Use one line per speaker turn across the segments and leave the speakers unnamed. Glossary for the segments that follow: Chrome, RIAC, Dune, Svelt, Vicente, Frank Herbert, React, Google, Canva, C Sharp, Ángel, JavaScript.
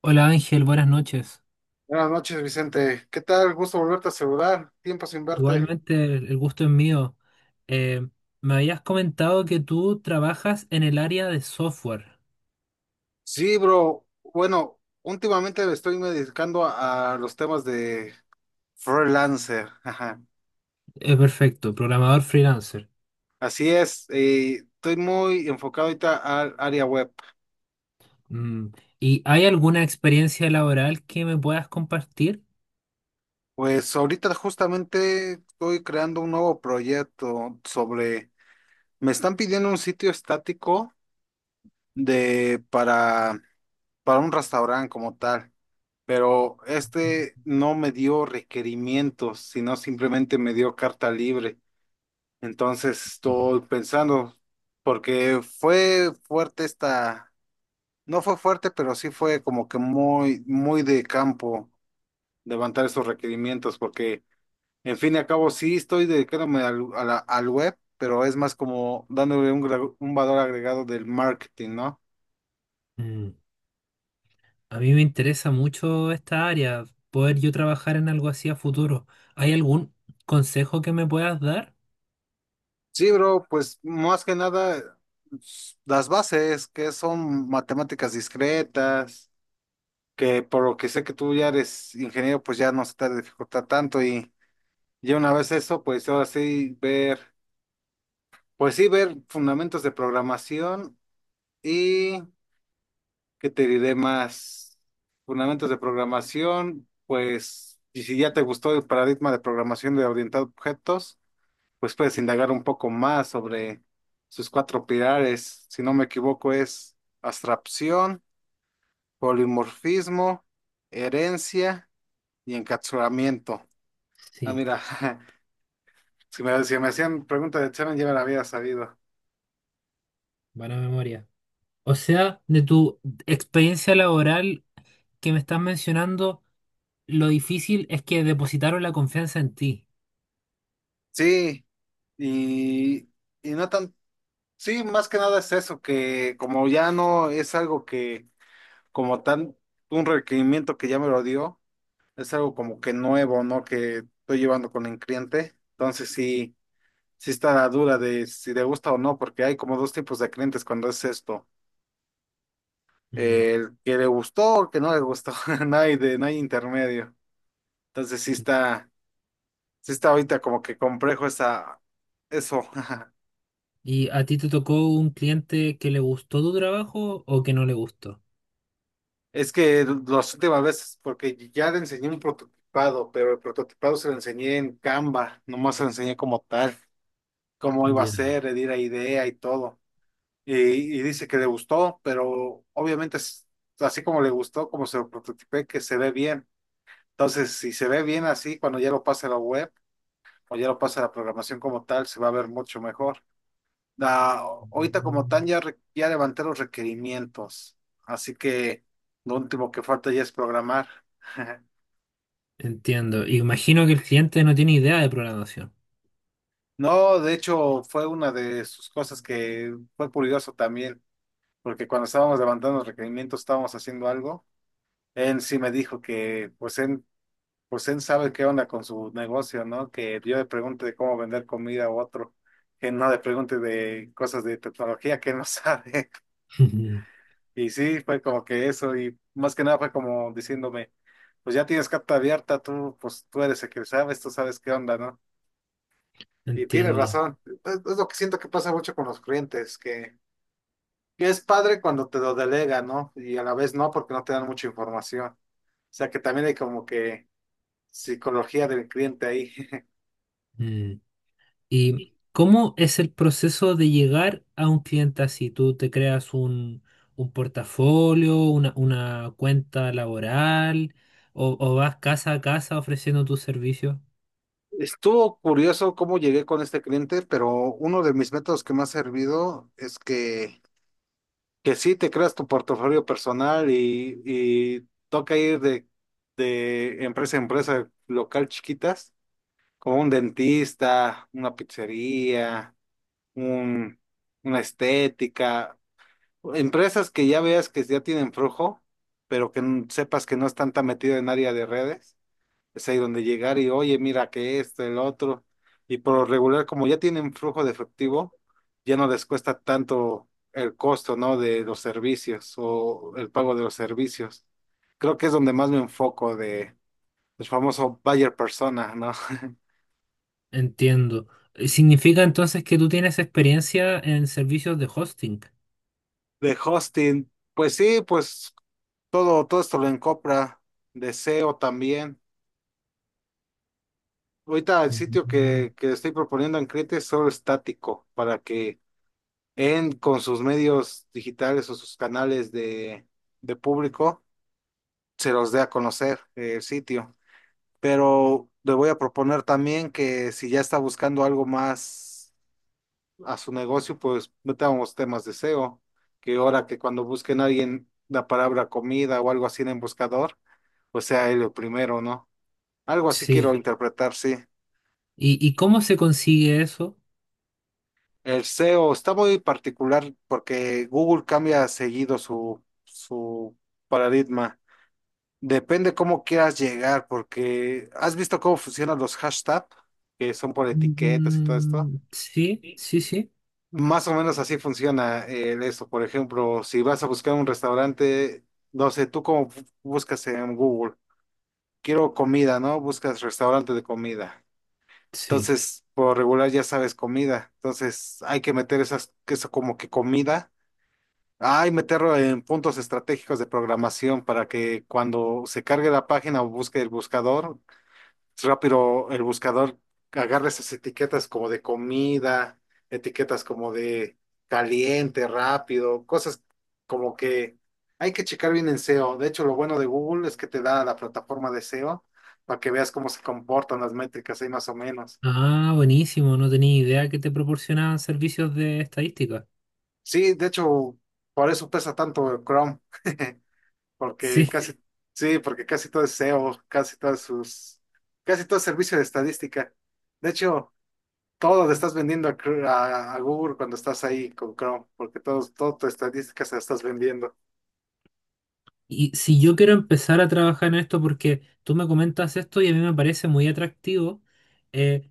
Hola Ángel, buenas noches.
Buenas noches, Vicente. ¿Qué tal? Gusto volverte a saludar. Tiempo sin verte.
Igualmente el gusto es mío. Eh, Me habías comentado que tú trabajas en el área de software.
Sí, bro. Bueno, últimamente me estoy dedicando a los temas de freelancer. Ajá.
Es perfecto, programador freelancer.
Así es. Estoy muy enfocado ahorita al área web.
Mm. ¿Y hay alguna experiencia laboral que me puedas compartir?
Pues ahorita justamente estoy creando un nuevo proyecto sobre... Me están pidiendo un sitio estático de para, para un restaurante como tal. Pero este no me dio requerimientos, sino simplemente me dio carta libre. Entonces estoy pensando, porque no fue fuerte, pero sí fue como que muy muy de campo levantar esos requerimientos, porque en fin y al cabo sí estoy dedicándome al web, pero es más como dándole un, un valor agregado del marketing, ¿no?
Mm. A mí me interesa mucho esta área, poder yo trabajar en algo así a futuro. ¿Hay algún consejo que me puedas dar?
Sí, bro, pues más que nada las bases, que son matemáticas discretas, que por lo que sé que tú ya eres ingeniero, pues ya no se te dificulta tanto y ya una vez eso, pues ahora sí ver, pues sí ver fundamentos de programación y que te diré más fundamentos de programación, pues y si ya te gustó el paradigma de programación de orientado a objetos. Pues puedes indagar un poco más sobre sus cuatro pilares. Si no me equivoco, es abstracción, polimorfismo, herencia y encapsulamiento. Ah,
Sí,
mira, si me hacían preguntas de examen, ya me la había sabido.
buena memoria. O sea, de tu experiencia laboral que me estás mencionando, lo difícil es que depositaron la confianza en ti.
Sí, y, y no tan, sí, más que nada es eso, que como ya no es algo que, como tan, un requerimiento que ya me lo dio, es algo como que nuevo, ¿no? Que estoy llevando con el cliente. Entonces sí. Sí está la duda de si le gusta o no, porque hay como dos tipos de clientes cuando es esto.
Mm.
El que le gustó o el que no le gustó. No hay intermedio. Entonces sí está, sí está ahorita como que complejo eso.
¿Y a ti te tocó un cliente que le gustó tu trabajo o que no le gustó?
Es que las últimas veces, porque ya le enseñé un prototipado, pero el prototipado se lo enseñé en Canva, nomás se lo enseñé como tal, cómo iba a
Ya.
ser, le di la idea y todo. Y, y dice que le gustó, pero obviamente es así como le gustó, como se lo prototipé, que se ve bien. Entonces, si se ve bien así, cuando ya lo pase a la web o ya lo pase a la programación como tal, se va a ver mucho mejor. Ah, ahorita como tal
Mm.
ya, ya levanté los requerimientos, así que lo último que falta ya es programar.
Entiendo. Imagino que el cliente no tiene idea de programación.
No, de hecho fue una de sus cosas que fue curioso también, porque cuando estábamos levantando los requerimientos, estábamos haciendo algo, él sí me dijo que pues él sabe qué onda con su negocio, ¿no? Que yo le pregunte de cómo vender comida a otro, que no le pregunte de cosas de tecnología que él no sabe. Y sí, fue como que eso, y más que nada fue como diciéndome, pues ya tienes carta abierta, tú, pues tú eres el que sabes, tú sabes qué onda, ¿no? Y tienes
Entiendo.
razón, es lo que siento que pasa mucho con los clientes, que es padre cuando te lo delegan, ¿no? Y a la vez no, porque no te dan mucha información. O sea que también hay como que psicología del cliente ahí.
Mm. ¿Y cómo es el proceso de llegar a un cliente así? ¿Tú te creas un portafolio, una cuenta laboral o vas casa a casa ofreciendo tus servicios?
Estuvo curioso cómo llegué con este cliente, pero uno de mis métodos que me ha servido es que sí te creas tu portafolio personal y toca ir de empresa a empresa local chiquitas, como un dentista, una pizzería, un, una estética, empresas que ya veas que ya tienen flujo, pero que sepas que no están tan metido en área de redes es ahí donde llegar y, oye, mira que esto, el otro. Y por lo regular, como ya tienen flujo de efectivo, ya no les cuesta tanto el costo, ¿no? De los servicios o el pago de los servicios. Creo que es donde más me enfoco de el famoso buyer persona, ¿no?
Entiendo. ¿Significa entonces que tú tienes experiencia en servicios de hosting?
De hosting. Pues sí, pues todo, todo esto lo encopra. De SEO también. Ahorita el sitio
Mm.
que estoy proponiendo en Crete es solo estático para que en, con sus medios digitales o sus canales de público, se los dé a conocer el sitio. Pero le voy a proponer también que si ya está buscando algo más a su negocio, pues metamos temas de SEO, que ahora que cuando busquen a alguien la palabra comida o algo así en el buscador, pues sea él el primero, ¿no? Algo así quiero
Sí.
interpretar, sí.
¿Y, ¿y cómo se consigue eso?
El SEO está muy particular porque Google cambia seguido su paradigma. Depende cómo quieras llegar, porque has visto cómo funcionan los hashtags, que son por etiquetas y todo esto.
Mm, sí,
Sí.
sí, sí,
Más o menos así funciona el eso. Por ejemplo, si vas a buscar un restaurante, no sé, tú cómo buscas en Google, quiero comida, ¿no? Buscas restaurante de comida.
sí.
Entonces, por regular ya sabes comida. Entonces, hay que meter esas, que eso como que comida. Hay meterlo en puntos estratégicos de programación para que cuando se cargue la página o busque el buscador rápido el buscador agarra esas etiquetas como de comida, etiquetas como de caliente, rápido, cosas como que hay que checar bien en SEO. De hecho, lo bueno de Google es que te da la plataforma de SEO para que veas cómo se comportan las métricas ahí más o menos.
Ah, buenísimo, no tenía idea que te proporcionaban servicios de estadística.
Sí, de hecho, por eso pesa tanto el Chrome, porque sí.
Sí,
Sí, sí, porque casi todo es SEO, casi todas sus, casi todo es servicio de estadística. De hecho, todo le estás vendiendo a, a Google cuando estás ahí con Chrome, porque todas tus estadísticas las estás vendiendo.
y si yo quiero empezar a trabajar en esto porque tú me comentas esto y a mí me parece muy atractivo, eh,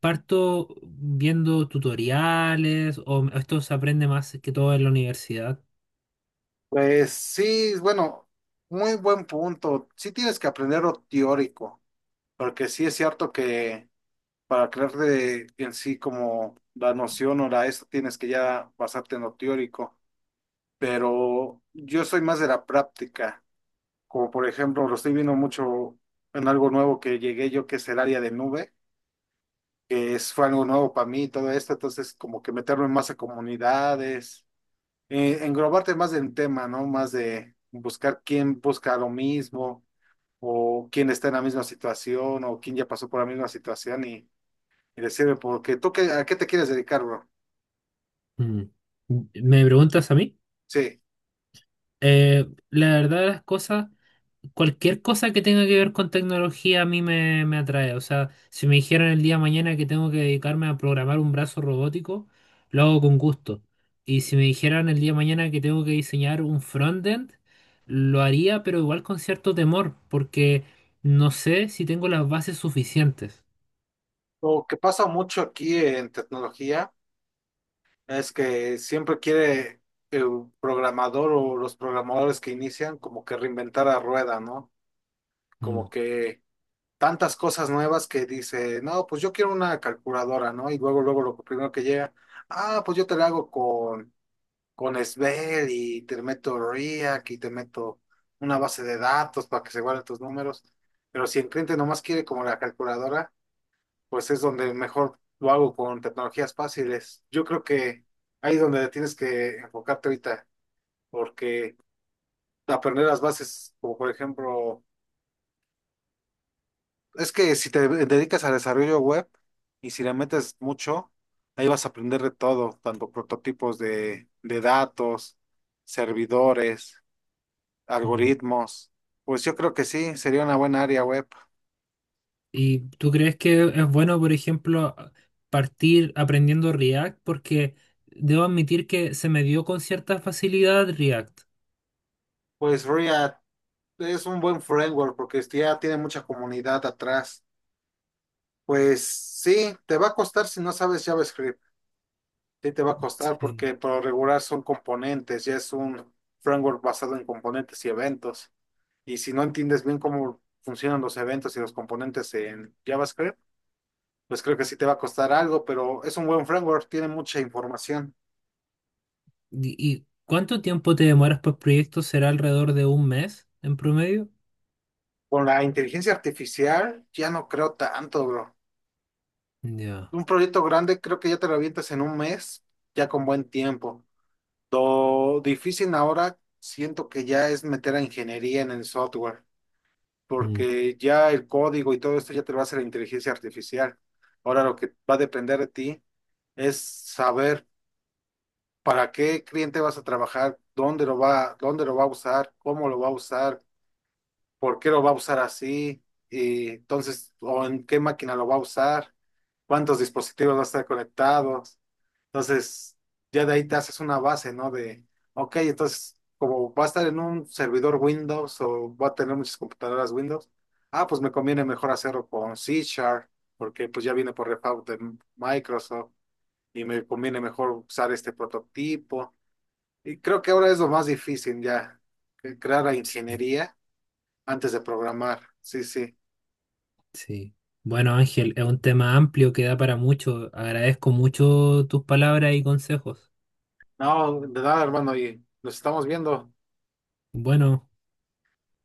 parto viendo tutoriales o esto se aprende más que todo en la universidad.
Pues sí, bueno, muy buen punto. Sí tienes que aprender lo teórico, porque sí es cierto que para crear en sí como la noción o la esto tienes que ya basarte en lo teórico, pero yo soy más de la práctica, como por ejemplo lo estoy viendo mucho en algo nuevo que llegué yo que es el área de nube. Que es, fue algo nuevo para mí todo esto, entonces como que meterme más a comunidades, englobarte más del tema, ¿no? Más de buscar quién busca lo mismo o quién está en la misma situación o quién ya pasó por la misma situación y decirle, porque tú qué, a qué te quieres dedicar, bro.
Mm. ¿Me preguntas a mí?
Sí,
La verdad de las cosas, cualquier cosa que tenga que ver con tecnología a mí me me atrae. O sea, si me dijeran el día de mañana que tengo que dedicarme a programar un brazo robótico, lo hago con gusto. Y si me dijeran el día de mañana que tengo que diseñar un frontend, lo haría, pero igual con cierto temor, porque no sé si tengo las bases suficientes.
lo que pasa mucho aquí en tecnología es que siempre quiere el programador o los programadores que inician como que reinventar la rueda, ¿no?
Mm.
Como que tantas cosas nuevas que dice, no, pues yo quiero una calculadora, ¿no? Y luego lo primero que llega, ah, pues yo te la hago con Svel y te meto RIAC y te meto una base de datos para que se guarden tus números. Pero si el cliente nomás quiere como la calculadora, pues es donde mejor lo hago con tecnologías fáciles. Yo creo que ahí es donde tienes que enfocarte ahorita, porque aprender las bases, como por ejemplo es que si te dedicas al desarrollo web y si le metes mucho, ahí vas a aprender de todo, tanto prototipos de datos, servidores,
Mm.
algoritmos. Pues yo creo que sí, sería una buena área web.
¿Y tú crees que es bueno, por ejemplo, partir aprendiendo React? Porque debo admitir que se me dio con cierta facilidad React.
Pues React es un buen framework porque ya tiene mucha comunidad atrás. Pues sí, te va a costar si no sabes JavaScript. Sí, te va a costar
Sí.
porque por lo regular son componentes, ya es un framework basado en componentes y eventos. Y si no entiendes bien cómo funcionan los eventos y los componentes en JavaScript, pues creo que sí te va a costar algo, pero es un buen framework, tiene mucha información.
¿Y y cuánto tiempo te demoras por proyecto? ¿Será alrededor de un mes en promedio?
Con la inteligencia artificial ya no creo tanto, bro.
Ya.
Un proyecto grande creo que ya te lo avientas en un mes, ya con buen tiempo. Lo difícil ahora siento que ya es meter a ingeniería en el software,
Mm,
porque ya el código y todo esto ya te lo hace la inteligencia artificial. Ahora lo que va a depender de ti es saber para qué cliente vas a trabajar, dónde lo va a usar, cómo lo va a usar, por qué lo va a usar así, y entonces, o en qué máquina lo va a usar, cuántos dispositivos va a estar conectados. Entonces, ya de ahí te haces una base, ¿no? De, ok, entonces, como va a estar en un servidor Windows o va a tener muchas computadoras Windows, ah, pues me conviene mejor hacerlo con C Sharp, porque pues ya viene por repago de Microsoft y me conviene mejor usar este prototipo. Y creo que ahora es lo más difícil ya, que crear la
sí,
ingeniería antes de programar. Sí, sí.
sí. Bueno, Ángel, es un tema amplio que da para mucho. Agradezco mucho tus palabras y consejos.
No, de nada, hermano, y nos estamos viendo.
Bueno.